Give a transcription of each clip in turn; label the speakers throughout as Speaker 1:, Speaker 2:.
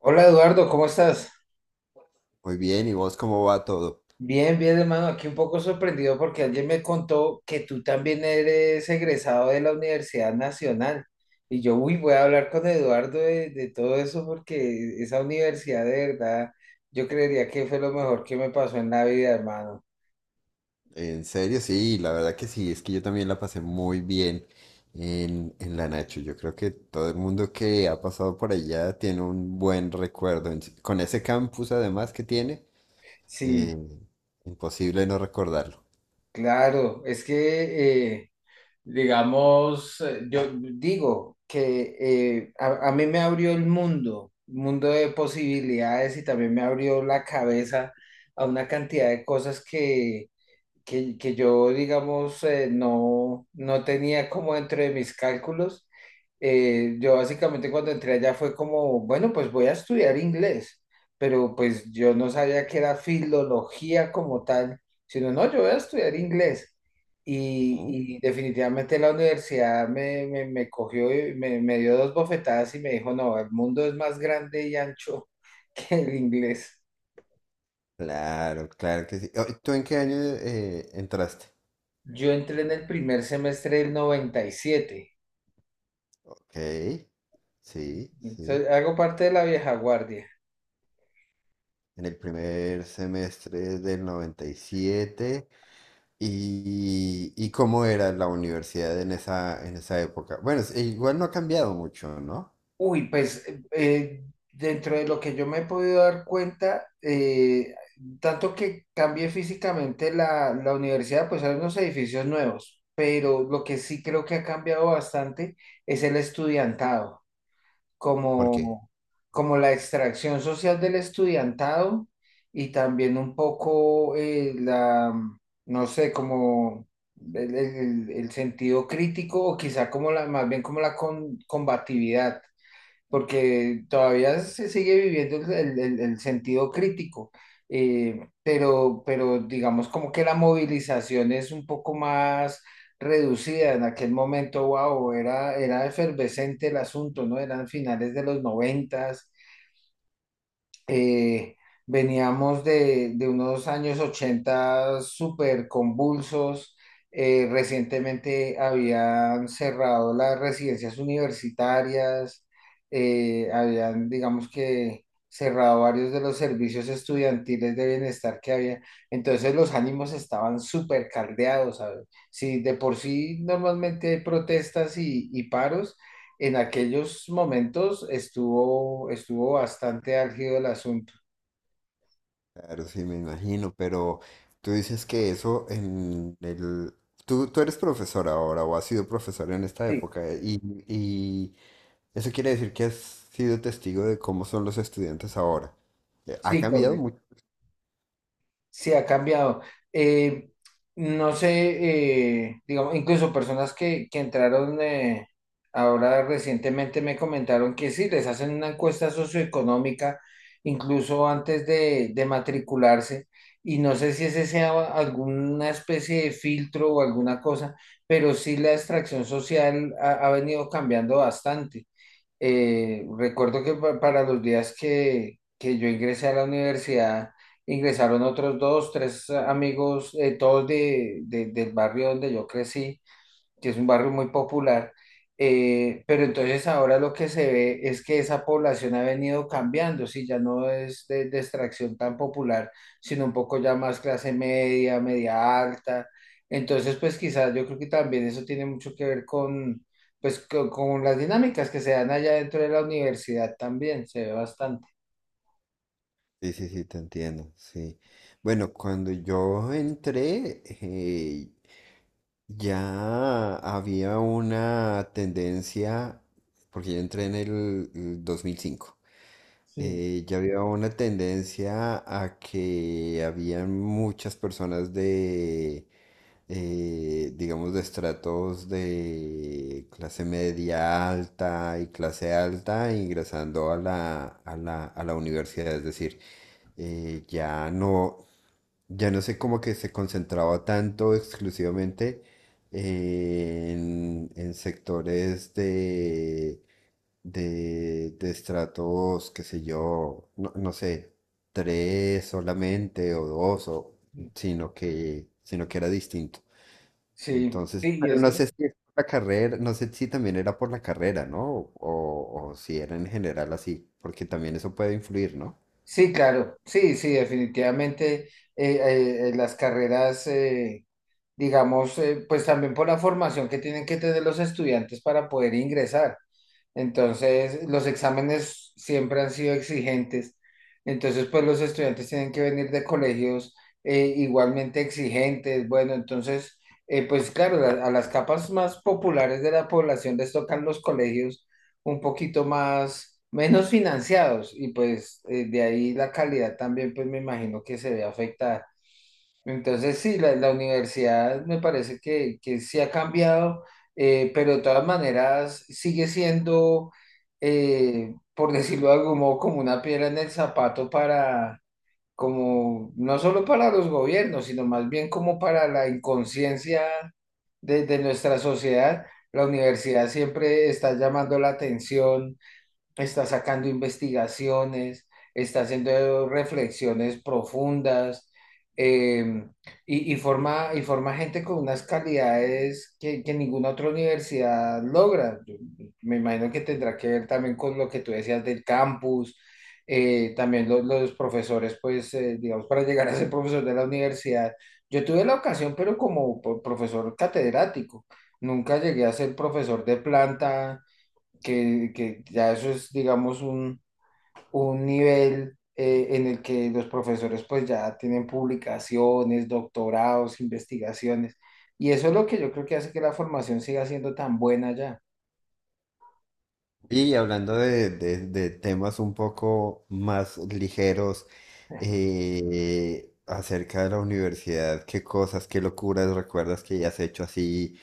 Speaker 1: Hola, Eduardo, ¿cómo estás?
Speaker 2: Muy bien, ¿y vos cómo va todo?
Speaker 1: Bien, bien, hermano, aquí un poco sorprendido porque alguien me contó que tú también eres egresado de la Universidad Nacional. Y yo, uy, voy a hablar con Eduardo de todo eso porque esa universidad, de verdad, yo creería que fue lo mejor que me pasó en la vida, hermano.
Speaker 2: En serio, sí, la verdad que sí, es que yo también la pasé muy bien en la Nacho. Yo creo que todo el mundo que ha pasado por allá tiene un buen recuerdo. Con ese campus además que tiene,
Speaker 1: Sí,
Speaker 2: eh, imposible no recordarlo.
Speaker 1: claro, es que... digamos, yo digo que a mí me abrió el mundo, mundo de posibilidades, y también me abrió la cabeza a una cantidad de cosas que yo, digamos, no tenía como dentro de mis cálculos. Yo básicamente cuando entré allá fue como, bueno, pues voy a estudiar inglés, pero pues yo no sabía que era filología como tal, sino no, yo voy a estudiar inglés.
Speaker 2: Mm.
Speaker 1: Y definitivamente la universidad me cogió y me dio dos bofetadas y me dijo, no, el mundo es más grande y ancho que el inglés.
Speaker 2: Claro, claro que sí. Oh, ¿tú en qué año entraste?
Speaker 1: Yo entré en el primer semestre del 97.
Speaker 2: Ok, sí, sí.
Speaker 1: Hago parte de la vieja guardia.
Speaker 2: En el primer semestre del noventa y siete. Y cómo era la universidad en esa época? Bueno, igual no ha cambiado mucho, ¿no?
Speaker 1: Uy, pues dentro de lo que yo me he podido dar cuenta, tanto que cambié físicamente la universidad, pues hay unos edificios nuevos, pero lo que sí creo que ha cambiado bastante es el estudiantado.
Speaker 2: ¿Por qué?
Speaker 1: Como, como la extracción social del estudiantado, y también un poco no sé, como el sentido crítico, o quizá como la, más bien como la combatividad, porque todavía se sigue viviendo el sentido crítico. Pero digamos como que la movilización es un poco más reducida. En aquel momento, wow, era efervescente el asunto, ¿no? Eran finales de los noventas. eh, Veníamos de unos años 80 súper convulsos. Recientemente habían cerrado las residencias universitarias, habían, digamos que, cerrado varios de los servicios estudiantiles de bienestar que había. Entonces los ánimos estaban súper caldeados, ¿sabes? Si de por sí normalmente hay protestas y paros, en aquellos momentos estuvo bastante álgido el asunto.
Speaker 2: Claro, sí, me imagino, pero tú dices que eso en el... Tú eres profesor ahora o has sido profesor en esta
Speaker 1: Sí,
Speaker 2: época y eso quiere decir que has sido testigo de cómo son los estudiantes ahora. Ha
Speaker 1: sí,
Speaker 2: cambiado
Speaker 1: correcto.
Speaker 2: mucho.
Speaker 1: Sí, ha cambiado. Eh, no sé, digamos, incluso personas que entraron ahora recientemente me comentaron que sí, les hacen una encuesta socioeconómica, incluso antes de matricularse, y no sé si ese sea alguna especie de filtro o alguna cosa, pero sí la extracción social ha venido cambiando bastante. Recuerdo que para los días que yo ingresé a la universidad, ingresaron otros dos, tres amigos, todos del barrio donde yo crecí, que es un barrio muy popular. Pero entonces ahora lo que se ve es que esa población ha venido cambiando, sí, ya no es de extracción tan popular, sino un poco ya más clase media, media alta. Entonces, pues quizás yo creo que también eso tiene mucho que ver con, pues, con las dinámicas que se dan allá dentro de la universidad también, se ve bastante.
Speaker 2: Sí, sí, sí, te entiendo, sí. Bueno, cuando yo entré, ya había una tendencia, porque yo entré en el 2005,
Speaker 1: Sí.
Speaker 2: ya había una tendencia a que habían muchas personas de, digamos, de estratos de clase media alta y clase alta ingresando a a la universidad. Es decir, ya no, ya no sé cómo que se concentraba tanto exclusivamente en sectores de, de estratos, qué sé yo, no, no sé, tres solamente o dos, o,
Speaker 1: Sí.
Speaker 2: sino que era distinto.
Speaker 1: Sí,
Speaker 2: Entonces,
Speaker 1: sí, y
Speaker 2: pero no
Speaker 1: eso.
Speaker 2: sé si es por la carrera, no sé si también era por la carrera, ¿no? O si era en general así, porque también eso puede influir, ¿no?
Speaker 1: Sí, claro, sí, sí, definitivamente las carreras, pues también por la formación que tienen que tener los estudiantes para poder ingresar. Entonces, los exámenes siempre han sido exigentes. Entonces, pues los estudiantes tienen que venir de colegios igualmente exigentes. Bueno, entonces, pues claro, a las capas más populares de la población les tocan los colegios un poquito más, menos financiados, y pues de ahí la calidad también, pues me imagino que se ve afectada. Entonces, sí, la universidad me parece que sí ha cambiado, pero de todas maneras sigue siendo, por decirlo de algún modo, como una piedra en el zapato, para, como, no solo para los gobiernos, sino más bien como para la inconsciencia de nuestra sociedad. La universidad siempre está llamando la atención, está sacando investigaciones, está haciendo reflexiones profundas, eh, y forma gente con unas calidades que ninguna otra universidad logra. Yo me imagino que tendrá que ver también con lo que tú decías del campus. También los profesores, pues, digamos, para llegar a ser profesor de la universidad, yo tuve la ocasión, pero como profesor catedrático, nunca llegué a ser profesor de planta, que ya eso es, digamos, un nivel en el que los profesores pues ya tienen publicaciones, doctorados, investigaciones, y eso es lo que yo creo que hace que la formación siga siendo tan buena ya.
Speaker 2: Y hablando de, de temas un poco más ligeros, acerca de la universidad, ¿qué cosas, qué locuras recuerdas que hayas hecho así?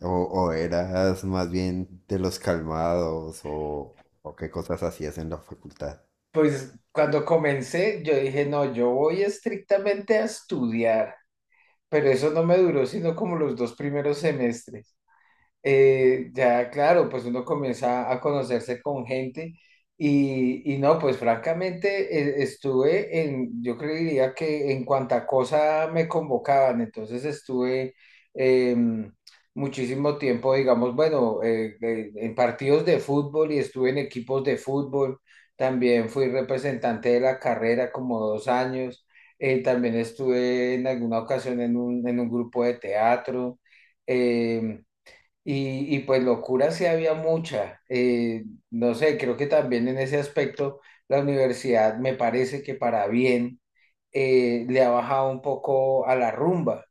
Speaker 2: O eras más bien de los calmados? O qué cosas hacías en la facultad?
Speaker 1: Pues cuando comencé, yo dije, no, yo voy estrictamente a estudiar, pero eso no me duró sino como los dos primeros semestres. Ya, claro, pues uno comienza a conocerse con gente y no, pues francamente estuve en, yo creería que en cuanta cosa me convocaban, entonces estuve em, muchísimo tiempo, digamos, bueno, en partidos de fútbol, y estuve en equipos de fútbol, también fui representante de la carrera como dos años, también estuve en alguna ocasión en un grupo de teatro. em, y, y pues locura sí había mucha. No sé, creo que también en ese aspecto la universidad me parece que, para bien, le ha bajado un poco a la rumba.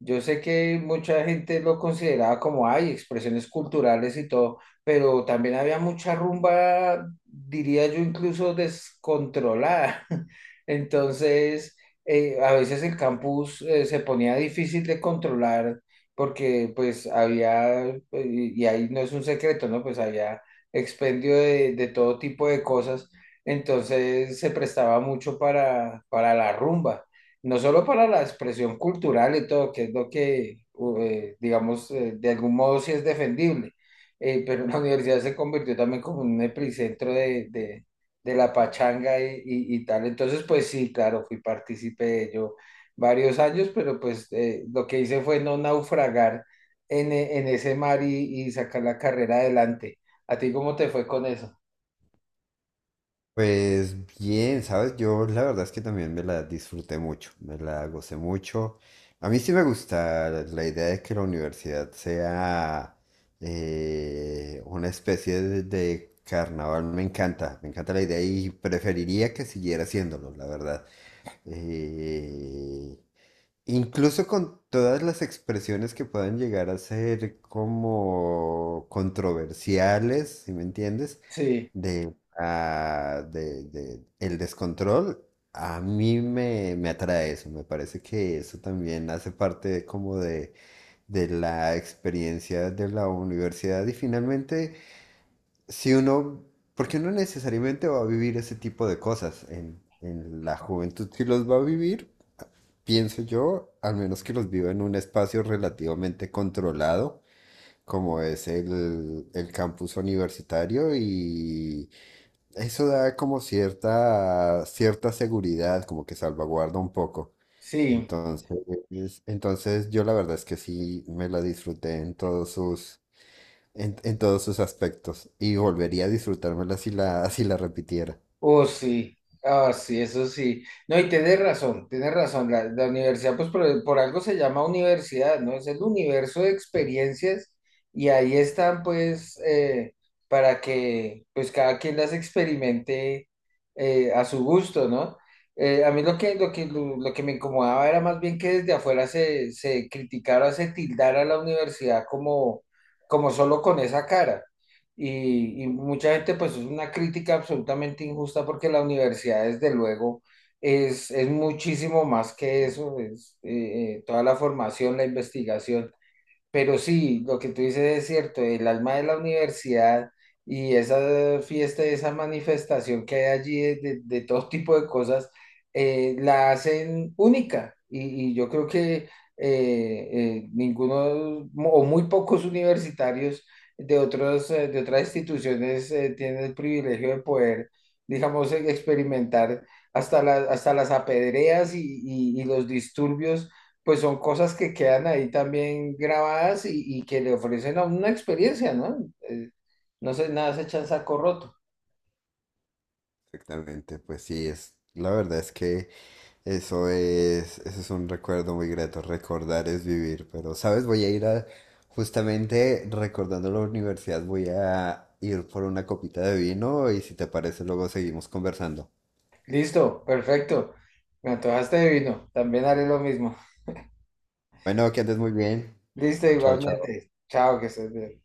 Speaker 1: Yo sé que mucha gente lo consideraba como hay expresiones culturales y todo, pero también había mucha rumba, diría yo, incluso descontrolada. Entonces, a veces el campus se ponía difícil de controlar, porque pues había, y ahí no es un secreto, ¿no? Pues había expendio de todo tipo de cosas, entonces se prestaba mucho para la rumba, no solo para la expresión cultural y todo, que es lo que, digamos, de algún modo sí es defendible, pero la universidad se convirtió también como en un epicentro de la pachanga y tal, entonces pues sí, claro, fui partícipe de ello varios años, pero pues lo que hice fue no naufragar en, en ese mar y sacar la carrera adelante. ¿A ti cómo te fue con eso?
Speaker 2: Pues bien, ¿sabes? Yo la verdad es que también me la disfruté mucho, me la gocé mucho. A mí sí me gusta la idea de que la universidad sea una especie de carnaval, me encanta la idea y preferiría que siguiera haciéndolo, la verdad. Eh, Incluso con todas las expresiones que puedan llegar a ser como controversiales, si me entiendes,
Speaker 1: Sí,
Speaker 2: de, ah, de el descontrol, a mí me atrae eso, me parece que eso también hace parte de como de la experiencia de la universidad y finalmente, si uno, porque uno necesariamente va a vivir ese tipo de cosas en la juventud, si los va a vivir. Pienso yo, al menos que los vivo en un espacio relativamente controlado, como es el campus universitario, y eso da como cierta, cierta seguridad, como que salvaguarda un poco.
Speaker 1: sí.
Speaker 2: Entonces, yo la verdad es que sí me la disfruté en todos sus, en todos sus aspectos, y volvería a disfrutármela si la, si la repitiera.
Speaker 1: Oh, sí, ah, sí, eso sí. No, y tenés razón, tenés razón. La universidad, pues por algo se llama universidad, ¿no? Es el universo de experiencias, y ahí están, pues, para que, pues, cada quien las experimente, a su gusto, ¿no? A mí lo que, lo que, lo que me incomodaba era más bien que desde afuera se criticara, se tildara a la universidad como, como solo con esa cara. Y mucha gente, pues es una crítica absolutamente injusta porque la universidad, desde luego, es muchísimo más que eso, es toda la formación, la investigación. Pero sí, lo que tú dices es cierto, el alma de la universidad y esa fiesta, esa manifestación que hay allí de todo tipo de cosas, la hacen única. Y yo creo que ninguno o muy pocos universitarios de otros, de otras instituciones tienen el privilegio de poder, digamos, experimentar hasta las apedreas y los disturbios, pues son cosas que quedan ahí también grabadas, y que le ofrecen a uno una experiencia, ¿no? Eh, no sé, nada se echa en saco roto.
Speaker 2: Exactamente, pues sí, es, la verdad es que eso es un recuerdo muy grato, recordar es vivir, pero sabes, voy a ir a, justamente recordando la universidad, voy a ir por una copita de vino y si te parece luego seguimos conversando.
Speaker 1: Listo, perfecto. Me antojaste de vino, también haré lo mismo.
Speaker 2: Bueno, que andes muy bien,
Speaker 1: Listo,
Speaker 2: chao, chao.
Speaker 1: igualmente. Chao, que estés bien.